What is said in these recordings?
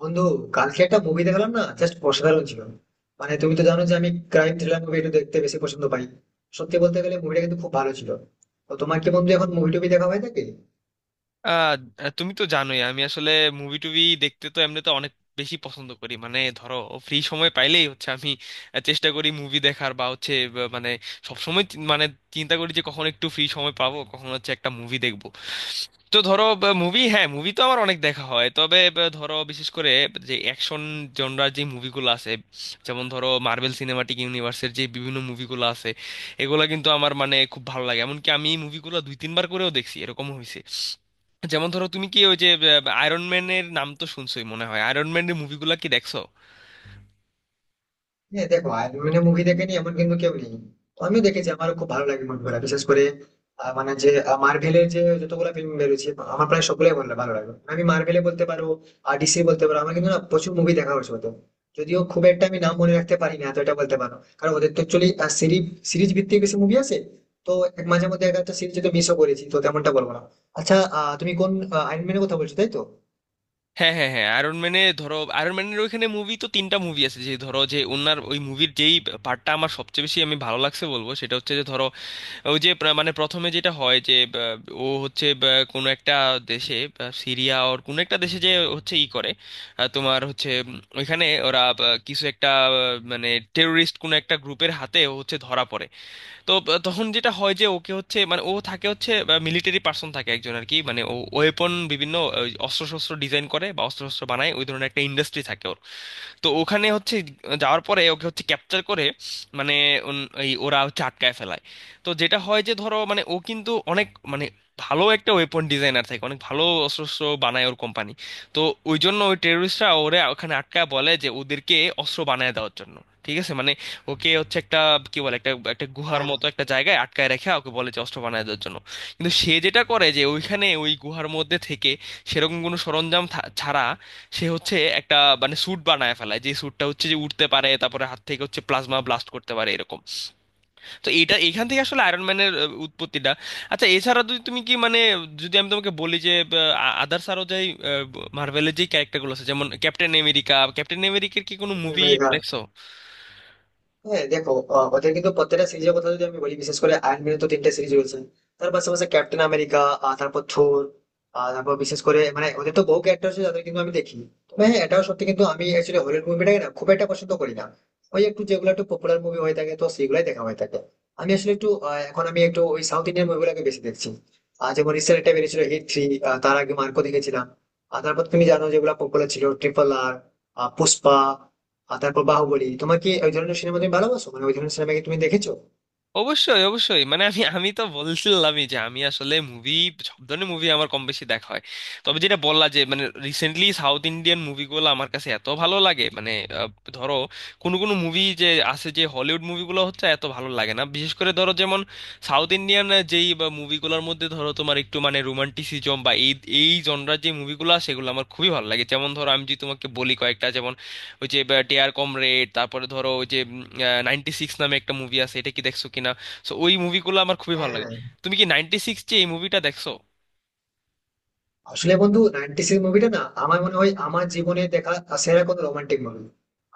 বন্ধু, কালকে একটা মুভি দেখলাম না, জাস্ট অসাধারণ ছিল। মানে তুমি তো জানো যে আমি ক্রাইম থ্রিলার মুভি একটু দেখতে বেশি পছন্দ পাই। সত্যি বলতে গেলে মুভিটা কিন্তু খুব ভালো ছিল। তো তোমার কি বন্ধু এখন মুভি টুভি দেখা হয়ে থাকে? আহ তুমি তো জানোই আমি আসলে মুভি টুভি দেখতে তো এমনিতে অনেক বেশি পছন্দ করি, মানে ধরো, ফ্রি সময় পাইলেই হচ্ছে আমি চেষ্টা করি মুভি দেখার, বা হচ্ছে মানে সবসময় মানে চিন্তা করি যে কখন একটু ফ্রি সময় পাবো, কখন হচ্ছে একটা মুভি দেখবো। তো ধরো, মুভি, হ্যাঁ, মুভি তো আমার অনেক দেখা হয়, তবে ধরো বিশেষ করে যে অ্যাকশন জনরার যে মুভিগুলো আছে, যেমন ধরো মার্বেল সিনেমাটিক ইউনিভার্সের যে বিভিন্ন মুভিগুলো আছে, এগুলো কিন্তু আমার, মানে, খুব ভালো লাগে। এমনকি আমি এই মুভিগুলো দুই তিনবার করেও দেখছি, এরকম হয়েছে। যেমন ধরো, তুমি কি ওই যে আয়রন ম্যানের নাম তো শুনছোই মনে হয়? আয়রন ম্যানের মুভিগুলো কি দেখছো? হ্যাঁ, দেখো অ্যানিমে মুভি দেখেনি এমন কিন্তু কেউ নেই। তো আমিও দেখেছি, আমারও খুব ভালো লাগে মুভিগুলো। বিশেষ করে মানে যে মার্ভেলের যে যতগুলো ফিল্ম বেরোচ্ছে আমার প্রায় সবগুলোই ভালো ভালো লাগে। মানে আমি মার্ভেলে বলতে পারো আর ডিসি বলতে পারো, আমার কিন্তু না প্রচুর মুভি দেখা হয়েছে ওদের। যদিও খুব একটা আমি নাম মনে রাখতে পারি না, তো এটা বলতে পারো, কারণ ওদের তো অ্যাকচুয়ালি সিরিজ সিরিজ ভিত্তিক বেশি মুভি আছে। তো এক মাঝে মধ্যে একটা একটা সিরিজ যদি মিসও করেছি তো তেমনটা বলবো না। আচ্ছা, তুমি কোন আইনম্যানের কথা বলছো তাই তো? হ্যাঁ, হ্যাঁ, হ্যাঁ, আয়রন ম্যানে ধরো, আয়রন ম্যানের ওইখানে মুভি তো তিনটা মুভি আছে, যে ধরো যে ওনার ওই মুভির যেই পার্টটা আমার সবচেয়ে বেশি আমি ভালো লাগছে বলবো, সেটা হচ্ছে যে ধরো ওই যে মানে প্রথমে যেটা হয় যে ও হচ্ছে কোনো একটা দেশে সিরিয়া ওর কোনো একটা দেশে যে হচ্ছে ই করে, তোমার হচ্ছে ওইখানে ওরা কিছু একটা, মানে টেরোরিস্ট কোনো একটা গ্রুপের হাতে ও হচ্ছে ধরা পড়ে। তো তখন যেটা হয় যে ওকে হচ্ছে, মানে ও থাকে হচ্ছে মিলিটারি পার্সন থাকে একজন আর কি, মানে ও ওয়েপন, বিভিন্ন অস্ত্র শস্ত্র ডিজাইন করে বা অস্ত্র শস্ত্র বানায়, ওই ধরনের একটা ইন্ডাস্ট্রি থাকে ওদের। তো ওখানে হচ্ছে যাওয়ার পরে ওকে হচ্ছে ক্যাপচার করে, মানে এই ওরা হচ্ছে আটকায় ফেলায়। তো যেটা হয় যে ধরো, মানে ও কিন্তু অনেক, মানে, ভালো একটা ওয়েপন ডিজাইনার থাকে, অনেক ভালো অস্ত্র শস্ত্র বানায় ওর কোম্পানি। তো ওই জন্য ওই টেররিস্টরা ওরে ওখানে আটকায়, বলে যে ওদেরকে অস্ত্র বানায় দেওয়ার জন্য। ঠিক আছে, মানে ওকে হচ্ছে একটা, কি বলে, একটা একটা গুহার মতো একটা জায়গায় আটকায় রেখে ওকে বলে যে অস্ত্র বানায় দেওয়ার জন্য। কিন্তু সে যেটা করে যে ওইখানে ওই গুহার মধ্যে থেকে সেরকম কোনো সরঞ্জাম ছাড়া সে হচ্ছে একটা, মানে, স্যুট বানায় ফেলায়, যে স্যুটটা হচ্ছে যে উঠতে পারে, তারপরে হাত থেকে হচ্ছে প্লাজমা ব্লাস্ট করতে পারে এরকম। তো এটা এখান থেকে আসলে আয়রন ম্যানের উৎপত্তিটা। আচ্ছা, এছাড়া যদি তুমি কি, মানে, যদি আমি তোমাকে বলি যে আদার্স, আরো যাই মার্ভেলের যে ক্যারেক্টারগুলো আছে, যেমন ক্যাপ্টেন আমেরিকা, ক্যাপ্টেন আমেরিকার কি কোনো মুভি হ্যাঁ, দেখছো? হ্যাঁ, দেখো, ওদের কিন্তু প্রত্যেকটা সিরিজের কথা যদি আমি বলি, বিশেষ করে আয়রন ম্যানের তো তিনটা সিরিজ রয়েছে। তার পাশাপাশি ক্যাপ্টেন আমেরিকা, তারপর থোর। আর তারপর বিশেষ করে মানে ওদের তো বহু ক্যারেক্টার আছে যাদের কিন্তু আমি দেখি। তবে হ্যাঁ, এটাও সত্যি, কিন্তু আমি অ্যাকচুয়ালি হলিউড মুভিটাকে না খুব একটা পছন্দ করি না। ওই একটু যেগুলো একটু পপুলার মুভি হয়ে থাকে তো সেগুলাই দেখা হয়ে থাকে। আমি আসলে একটু এখন আমি একটু ওই সাউথ ইন্ডিয়ান মুভিগুলোকে বেশি দেখছি। আর যেমন রিসেন্ট একটা বেরিয়েছিল হিট 3। তার আগে মার্কো দেখেছিলাম। আর তারপর তুমি জানো যেগুলো পপুলার ছিল, ট্রিপল আর, পুষ্পা আর তারপর বাহুবলী। তোমার কি ওই ধরনের সিনেমা তুমি ভালোবাসো? মানে ওই ধরনের সিনেমা কি তুমি দেখেছো? অবশ্যই, অবশ্যই, মানে আমি আমি তো বলছিলামই যে আমি আসলে মুভি, সব ধরনের মুভি আমার কম বেশি দেখা হয়। তবে যেটা বললা যে, মানে, রিসেন্টলি সাউথ ইন্ডিয়ান মুভিগুলো আমার কাছে এত ভালো লাগে, মানে আহ, ধরো, কোনো কোনো মুভি যে আছে যে হলিউড মুভিগুলো হচ্ছে এত ভালো লাগে না, বিশেষ করে ধরো, যেমন সাউথ ইন্ডিয়ান যেই মুভিগুলোর মধ্যে ধরো তোমার একটু, মানে, রোমান্টিসিজম বা এই এই জনরার যে মুভিগুলো, সেগুলো আমার খুবই ভালো লাগে। যেমন ধরো, আমি যদি তোমাকে বলি কয়েকটা, যেমন ওই যে "ডেয়ার কমরেড", তারপরে ধরো ওই যে "96" নামে একটা মুভি আছে, এটা কি দেখছো কিনা? সো ওই মুভিগুলো আমার খুবই ভালো হ্যাঁ। লাগে। তুমি কি "96" যে এই মুভিটা দেখছো? আসলে বন্ধু, 96 মুভিটা না আমার মনে হয় আমার জীবনে দেখা সেরা কোনো রোমান্টিক মুভি।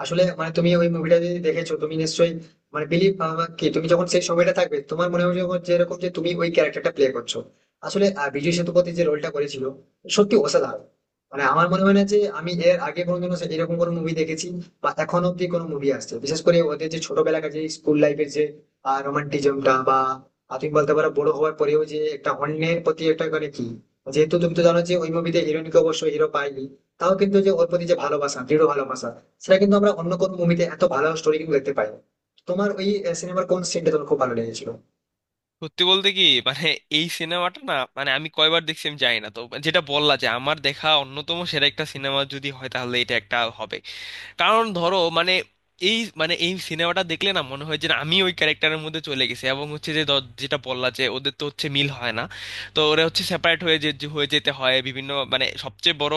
আসলে মানে তুমি ওই মুভিটা যদি দেখেছো তুমি নিশ্চয়ই মানে বিলিভ কি তুমি যখন সেই সময়টা থাকবে তোমার মনে হবে, যখন যেরকম যে তুমি ওই ক্যারেক্টারটা প্লে করছো। আসলে বিজয় সেতুপতি যে রোলটা করেছিল, সত্যি অসাধারণ। মানে আমার মনে হয় না যে আমি এর আগে কোনোদিনও এরকম কোনো মুভি দেখেছি বা এখন অব্দি কোনো মুভি আসছে, বিশেষ করে ওদের যে ছোটবেলাকার যে স্কুল লাইফের যে রোমান্টিজমটা বা তুমি বলতে পারো বড় হওয়ার পরেও যে একটা অন্যের প্রতি একটা মানে কি। যেহেতু তুমি তো জানো যে ওই মুভিতে হিরোইনকে অবশ্যই হিরো পাইনি, তাও কিন্তু যে ওর প্রতি যে ভালোবাসা, দৃঢ় ভালোবাসা সেটা কিন্তু আমরা অন্য কোনো মুভিতে এত ভালো স্টোরি কিন্তু দেখতে পাই না। তোমার ওই সিনেমার কোন সিনটা তোমার খুব ভালো লেগেছিল? সত্যি বলতে কি, মানে এই সিনেমাটা, না মানে, আমি কয়বার দেখছি আমি জানি না তো, যেটা বললা যে, আমার দেখা অন্যতম সেরা একটা সিনেমা যদি হয় তাহলে এটা একটা হবে। কারণ ধরো, মানে এই, মানে এই সিনেমাটা দেখলে না মনে হয় যে না, আমি ওই ক্যারেক্টারের মধ্যে চলে গেছি, এবং হচ্ছে যে, যেটা বললা যে ওদের তো হচ্ছে মিল হয় না। তো ওরা হচ্ছে সেপারেট হয়ে যে যে হয়ে যেতে হয়, বিভিন্ন, মানে সবচেয়ে বড়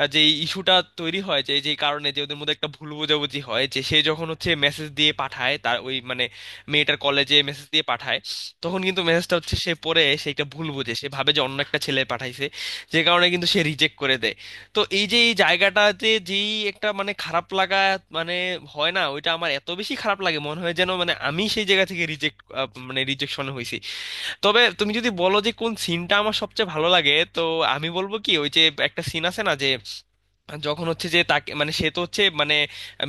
যে ইস্যুটা তৈরি হয় যে, যে কারণে যে ওদের মধ্যে একটা ভুল বোঝাবুঝি হয়, যে সে যখন হচ্ছে মেসেজ দিয়ে পাঠায় তার ওই, মানে, মেয়েটার কলেজে মেসেজ দিয়ে পাঠায়। তখন কিন্তু মেসেজটা হচ্ছে সে পড়ে, সে একটা ভুল বোঝে, সে ভাবে যে অন্য একটা ছেলে পাঠাইছে, যে কারণে কিন্তু সে রিজেক্ট করে দেয়। তো এই যে এই জায়গাটাতে যেই একটা, মানে, খারাপ লাগা, মানে হয় না, ওইটা আমার এত বেশি খারাপ লাগে, মনে হয় যেন, মানে, আমি সেই জায়গা থেকে রিজেক্ট, মানে রিজেকশন হয়েছি। তবে তুমি যদি বলো যে কোন সিনটা আমার সবচেয়ে ভালো লাগে, তো আমি বলবো কি, ওই যে একটা সিন আছে না, যে যখন হচ্ছে যে তাকে, মানে সে তো হচ্ছে, মানে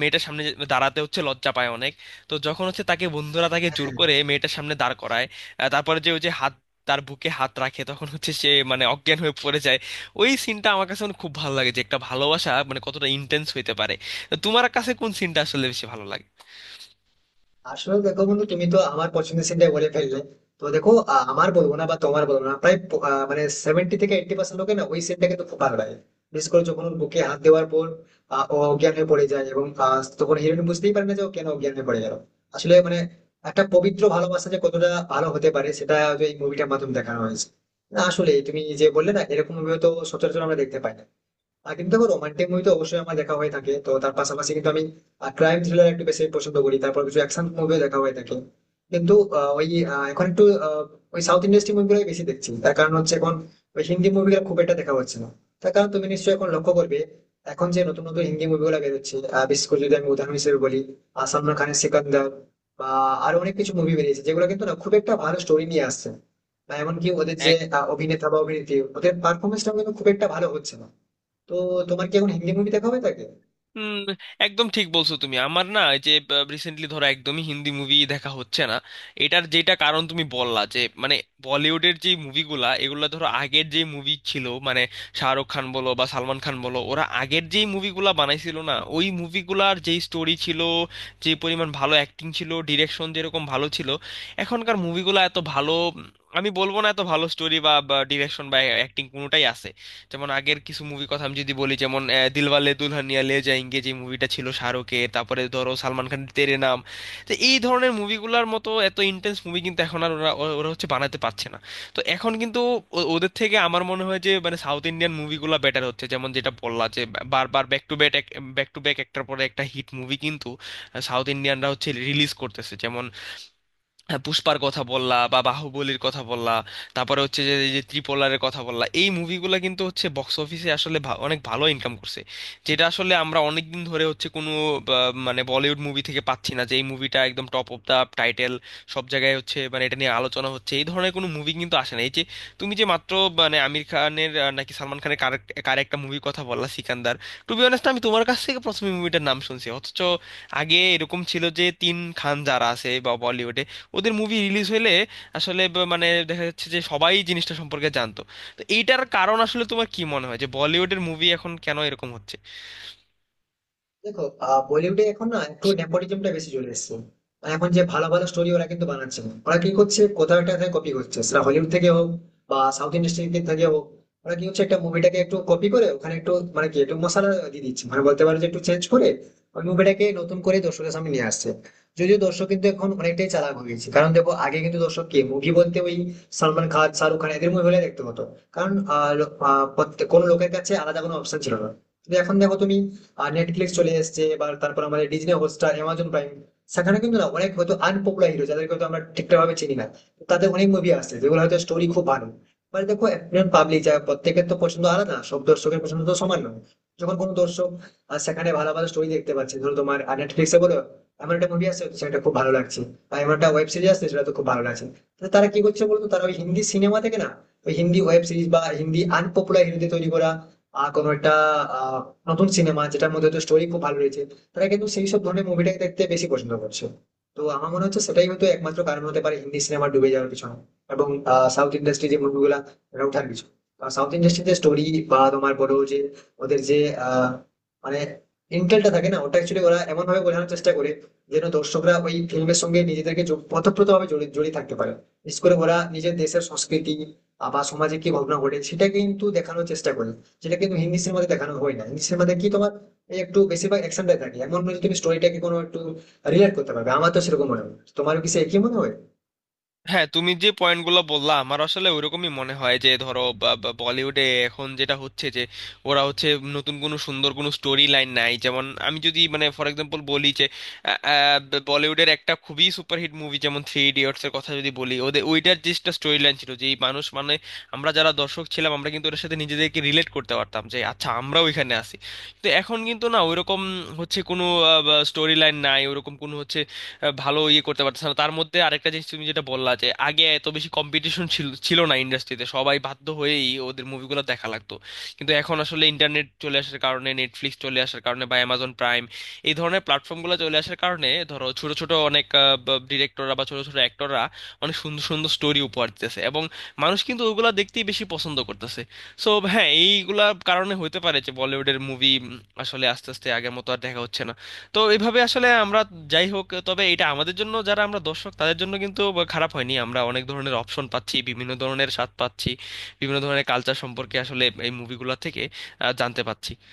মেয়েটার সামনে দাঁড়াতে হচ্ছে, লজ্জা পায় অনেক। তো যখন হচ্ছে, তাকে বন্ধুরা তাকে জোর করে মেয়েটার সামনে দাঁড় করায়, তারপরে যে ওই যে হাত, তার বুকে হাত রাখে, তখন হচ্ছে সে, মানে, অজ্ঞান হয়ে পড়ে যায়। ওই সিনটা আমার কাছে, মানে, খুব ভালো লাগে, যে একটা ভালোবাসা, মানে, কতটা ইন্টেন্স হইতে পারে। তো তোমার কাছে কোন সিনটা আসলে বেশি ভালো লাগে? আসলে দেখো বন্ধু, তুমি তো আমার পছন্দের সিনটাই বলে ফেললে। তো দেখো, আমার বলবো না বা তোমার বলবো না, প্রায় মানে 70-80% লোকে না ওই সিনটাকে তো খুব ভালো লাগে। বিশেষ করে যখন ওর বুকে হাত দেওয়ার পর ও অজ্ঞান হয়ে পড়ে যায়, এবং তখন হিরোইন বুঝতেই পারে না যে ও কেন অজ্ঞান হয়ে পড়ে গেল। আসলে মানে একটা পবিত্র ভালোবাসা যে কতটা ভালো হতে পারে সেটা হয়তো এই মুভিটার মাধ্যমে দেখানো হয়েছে। না, আসলে তুমি যে বললে না এরকম মুভি তো সচরাচর আমরা দেখতে পাই না। আর কিন্তু দেখো রোমান্টিক মুভি তো অবশ্যই আমার দেখা হয়ে থাকে, তো তার পাশাপাশি কিন্তু আমি ক্রাইম থ্রিলার একটু বেশি পছন্দ করি, তারপর কিছু অ্যাকশন মুভিও দেখা হয়ে থাকে। কিন্তু ওই এখন একটু ওই সাউথ ইন্ডাস্ট্রি মুভিগুলোই বেশি দেখছি। তার কারণ হচ্ছে এখন ওই হিন্দি মুভিগুলো খুব একটা দেখা হচ্ছে না। তার কারণ তুমি নিশ্চয়ই এখন লক্ষ্য করবে এখন যে নতুন নতুন হিন্দি মুভিগুলো বেরোচ্ছে, বিশেষ করে যদি আমি উদাহরণ হিসেবে বলি সালমান খানের সিকান্দার বা আরো অনেক কিছু মুভি বেরিয়েছে যেগুলো কিন্তু না খুব একটা ভালো স্টোরি নিয়ে আসছে। বা এমনকি ওদের যে অভিনেতা বা অভিনেত্রী, ওদের পারফরমেন্সটা কিন্তু খুব একটা ভালো হচ্ছে না। তো তোমার কি এখন হিন্দি মুভি দেখা হয়ে থাকে? হুম। একদম ঠিক বলছো তুমি। আমার না এই যে রিসেন্টলি ধরো, একদমই হিন্দি মুভি দেখা হচ্ছে না। এটার যেটা কারণ তুমি বললা যে, মানে বলিউডের যে মুভিগুলা, এগুলা ধরো আগের যে মুভি ছিল, মানে, শাহরুখ খান বলো বা সালমান খান বলো, ওরা আগের যেই মুভিগুলা বানাইছিল না, ওই মুভিগুলার যেই স্টোরি ছিল, যে পরিমাণ ভালো অ্যাক্টিং ছিল, ডিরেকশন যেরকম ভালো ছিল, এখনকার মুভিগুলা এত ভালো, আমি বলবো না এত ভালো স্টোরি বা ডিরেকশন বা অ্যাক্টিং কোনোটাই আছে। যেমন আগের কিছু মুভি কথা আমি যদি বলি, যেমন "দিলওয়ালে দুলহানিয়া লে যায়েঙ্গে" যে মুভিটা ছিল শাহরুখের, তারপরে ধরো সালমান খানের "তেরে নাম"। তো এই ধরনের মুভিগুলোর মতো এত ইন্টেন্স মুভি কিন্তু এখন আর ওরা, ওরা হচ্ছে বানাতে পারছে না। তো এখন কিন্তু ওদের থেকে আমার মনে হয় যে, মানে সাউথ ইন্ডিয়ান মুভিগুলো বেটার হচ্ছে, যেমন যেটা বললা যে বারবার back to back, back to back একটার পরে একটা হিট মুভি কিন্তু সাউথ ইন্ডিয়ানরা হচ্ছে রিলিজ করতেছে, যেমন হ্যাঁ, পুষ্পার কথা বললা বা বাহুবলীর কথা বললা। তারপরে হচ্ছে যে এই যে ত্রিপোলারের কথা বললা, এই মুভিগুলো কিন্তু হচ্ছে বক্স অফিসে আসলে অনেক ভালো ইনকাম করছে, যেটা আসলে আমরা অনেক দিন ধরে হচ্ছে কোনো, বা, মানে বলিউড মুভি থেকে পাচ্ছি না, যে এই মুভিটা একদম টপ অফ দা টাইটেল, সব জায়গায় হচ্ছে, মানে এটা নিয়ে আলোচনা হচ্ছে। এই ধরনের কোনো মুভি কিন্তু আসে না। এই যে তুমি যে মাত্র, মানে, আমির খানের, নাকি সালমান খানের, কার কার একটা মুভির কথা বললা, সিকান্দার। টু বি অনেস্ট, আমি তোমার কাছ থেকে প্রথমে মুভিটার নাম শুনছি, অথচ আগে এরকম ছিল যে তিন খান যারা আছে বা বলিউডে, ওদের মুভি রিলিজ হলে আসলে মানে দেখা যাচ্ছে যে সবাই জিনিসটা সম্পর্কে জানতো। তো এইটার কারণ আসলে তোমার কি মনে হয় যে বলিউডের মুভি এখন কেন এরকম হচ্ছে? দেখো, বলিউডে এখন না একটু নেপোটিজমটা বেশি চলে এসেছে। মানে এখন যে ভালো ভালো স্টোরি ওরা কিন্তু বানাচ্ছে না। ওরা কি করছে, কোথাও একটা কপি করছে, সেটা হলিউড থেকে হোক বা সাউথ ইন্ডাস্ট্রি থেকে থেকে হোক। ওরা কি হচ্ছে একটা মুভিটাকে একটু কপি করে ওখানে একটু মানে কি একটু মশলা দিয়ে দিচ্ছে, মানে বলতে পারো যে একটু চেঞ্জ করে ওই মুভিটাকে নতুন করে দর্শকের সামনে নিয়ে আসছে। যদিও দর্শক কিন্তু এখন অনেকটাই চালাক হয়ে গেছে, কারণ দেখো আগে কিন্তু দর্শক কি মুভি বলতে ওই সালমান খান, শাহরুখ খান, এদের মুভি দেখতে হতো। কারণ আহ, লো- আহ, প্রত্যেক- কোনো লোকের কাছে আলাদা কোনো অপশন ছিল না। কিন্তু এখন দেখো তুমি, আর নেটফ্লিক্স চলে এসেছে, এবার তারপর আমাদের ডিজনি হটস্টার, অ্যামাজন প্রাইম, সেখানে কিন্তু না অনেক হয়তো আনপপুলার হিরো যাদেরকে হয়তো আমরা ঠিকঠাক ভাবে চিনি না, তাদের অনেক মুভি আসছে যেগুলো হয়তো স্টোরি খুব ভালো। মানে দেখো একজন পাবলিক, যা প্রত্যেকের তো পছন্দ আলাদা, সব দর্শকের পছন্দ তো সমান নয়। যখন কোনো দর্শক সেখানে ভালো ভালো স্টোরি দেখতে পাচ্ছে, ধরো তোমার নেটফ্লিক্সে বলো এমন একটা মুভি আছে সেটা খুব ভালো লাগছে আর এমন একটা ওয়েব সিরিজ আছে সেটা তো খুব ভালো লাগছে, তাহলে তারা কি করছে বলতো, তারা ওই হিন্দি সিনেমা থেকে না ওই হিন্দি ওয়েব সিরিজ বা হিন্দি আনপপুলার হিরোদের তৈরি করা কোনো একটা আহ, নতুন সিনেমা যেটার মধ্যে হয়তো স্টোরি খুব ভালো রয়েছে, তারা কিন্তু সেই সব ধরনের মুভিটাকে দেখতে বেশি পছন্দ করছে। তো আমার মনে হচ্ছে সেটাই হয়তো একমাত্র কারণ হতে পারে হিন্দি সিনেমা ডুবে যাওয়ার পিছনে, এবং সাউথ ইন্ডাস্ট্রি যে মুভিগুলা এটা ওঠার পিছনে। সাউথ ইন্ডাস্ট্রির যে স্টোরি বা তোমার বলো যে ওদের যে আহ, মানে ইন্টেলটা থাকে না ওটা, অ্যাকচুয়ালি ওরা এমন ভাবে বোঝানোর চেষ্টা করে যেন দর্শকরা ওই ফিল্মের সঙ্গে নিজেদেরকে ওতপ্রোত ভাবে জড়িয়ে জড়িয়ে থাকতে পারে। বিশেষ করে ওরা নিজের দেশের সংস্কৃতি বা সমাজে কি ঘটনা ঘটে সেটা কিন্তু দেখানোর চেষ্টা করে, যেটা কিন্তু ইংলিশের মধ্যে দেখানো হয় না। ইংলিশের মধ্যে কি তোমার এই একটু বেশিরভাগ অ্যাকশন থাকে, এমন নয় যে তুমি স্টোরিটাকে কোনো একটু রিলেট করতে পারবে। আমার তো সেরকম মনে হয়, তোমারও কি সে একই মনে হয়? হ্যাঁ, তুমি যে পয়েন্টগুলো বললা আমার আসলে ওইরকমই মনে হয় যে ধরো, বা- বা বলিউডে এখন যেটা হচ্ছে যে ওরা হচ্ছে, নতুন কোনো সুন্দর কোনো স্টোরি লাইন নাই, যেমন আমি যদি, মানে, ফর এক্সাম্পল বলি যে, আহ, আহ, বলিউডের একটা খুবই সুপারহিট মুভি যেমন "থ্রি ইডিয়টস" এর কথা যদি বলি, ওদের ওইটার যেটা স্টোরি লাইন ছিল যে, এই মানুষ, মানে আমরা যারা দর্শক ছিলাম, আমরা কিন্তু ওটার সাথে নিজেদেরকে রিলেট করতে পারতাম, যে আচ্ছা আমরাও এখানে আছি। তো এখন কিন্তু না ওইরকম হচ্ছে, কোনো স্টোরি লাইন নাই, ওরকম কোনো হচ্ছে, ভালো ইয়ে করতে পারতেছে না। তার মধ্যে আরেকটা জিনিস তুমি যেটা বললা যে, আগে এত বেশি কম্পিটিশন ছিল, ছিল না ইন্ডাস্ট্রিতে, সবাই বাধ্য হয়েই ওদের মুভিগুলো দেখা লাগতো। কিন্তু এখন আসলে ইন্টারনেট চলে আসার কারণে, নেটফ্লিক্স চলে আসার কারণে বা অ্যামাজন প্রাইম এই ধরনের প্ল্যাটফর্মগুলো চলে আসার কারণে ধরো, ছোট ছোট অনেক ডিরেক্টররা বা ছোট ছোট অ্যাক্টররা অনেক সুন্দর সুন্দর স্টোরি উপহার দিতেছে, এবং মানুষ কিন্তু ওগুলা দেখতেই বেশি পছন্দ করতেছে। সো হ্যাঁ, এইগুলা কারণে হইতে পারে যে বলিউডের মুভি আসলে আস্তে আস্তে আগের মতো আর দেখা হচ্ছে না। তো এইভাবে আসলে আমরা, যাই হোক, তবে এটা আমাদের জন্য, যারা আমরা দর্শক তাদের জন্য কিন্তু খারাপ হয়নি। আমরা অনেক ধরনের অপশন পাচ্ছি, বিভিন্ন ধরনের স্বাদ পাচ্ছি, বিভিন্ন ধরনের কালচার সম্পর্কে আসলে এই মুভিগুলো থেকে জানতে পাচ্ছি।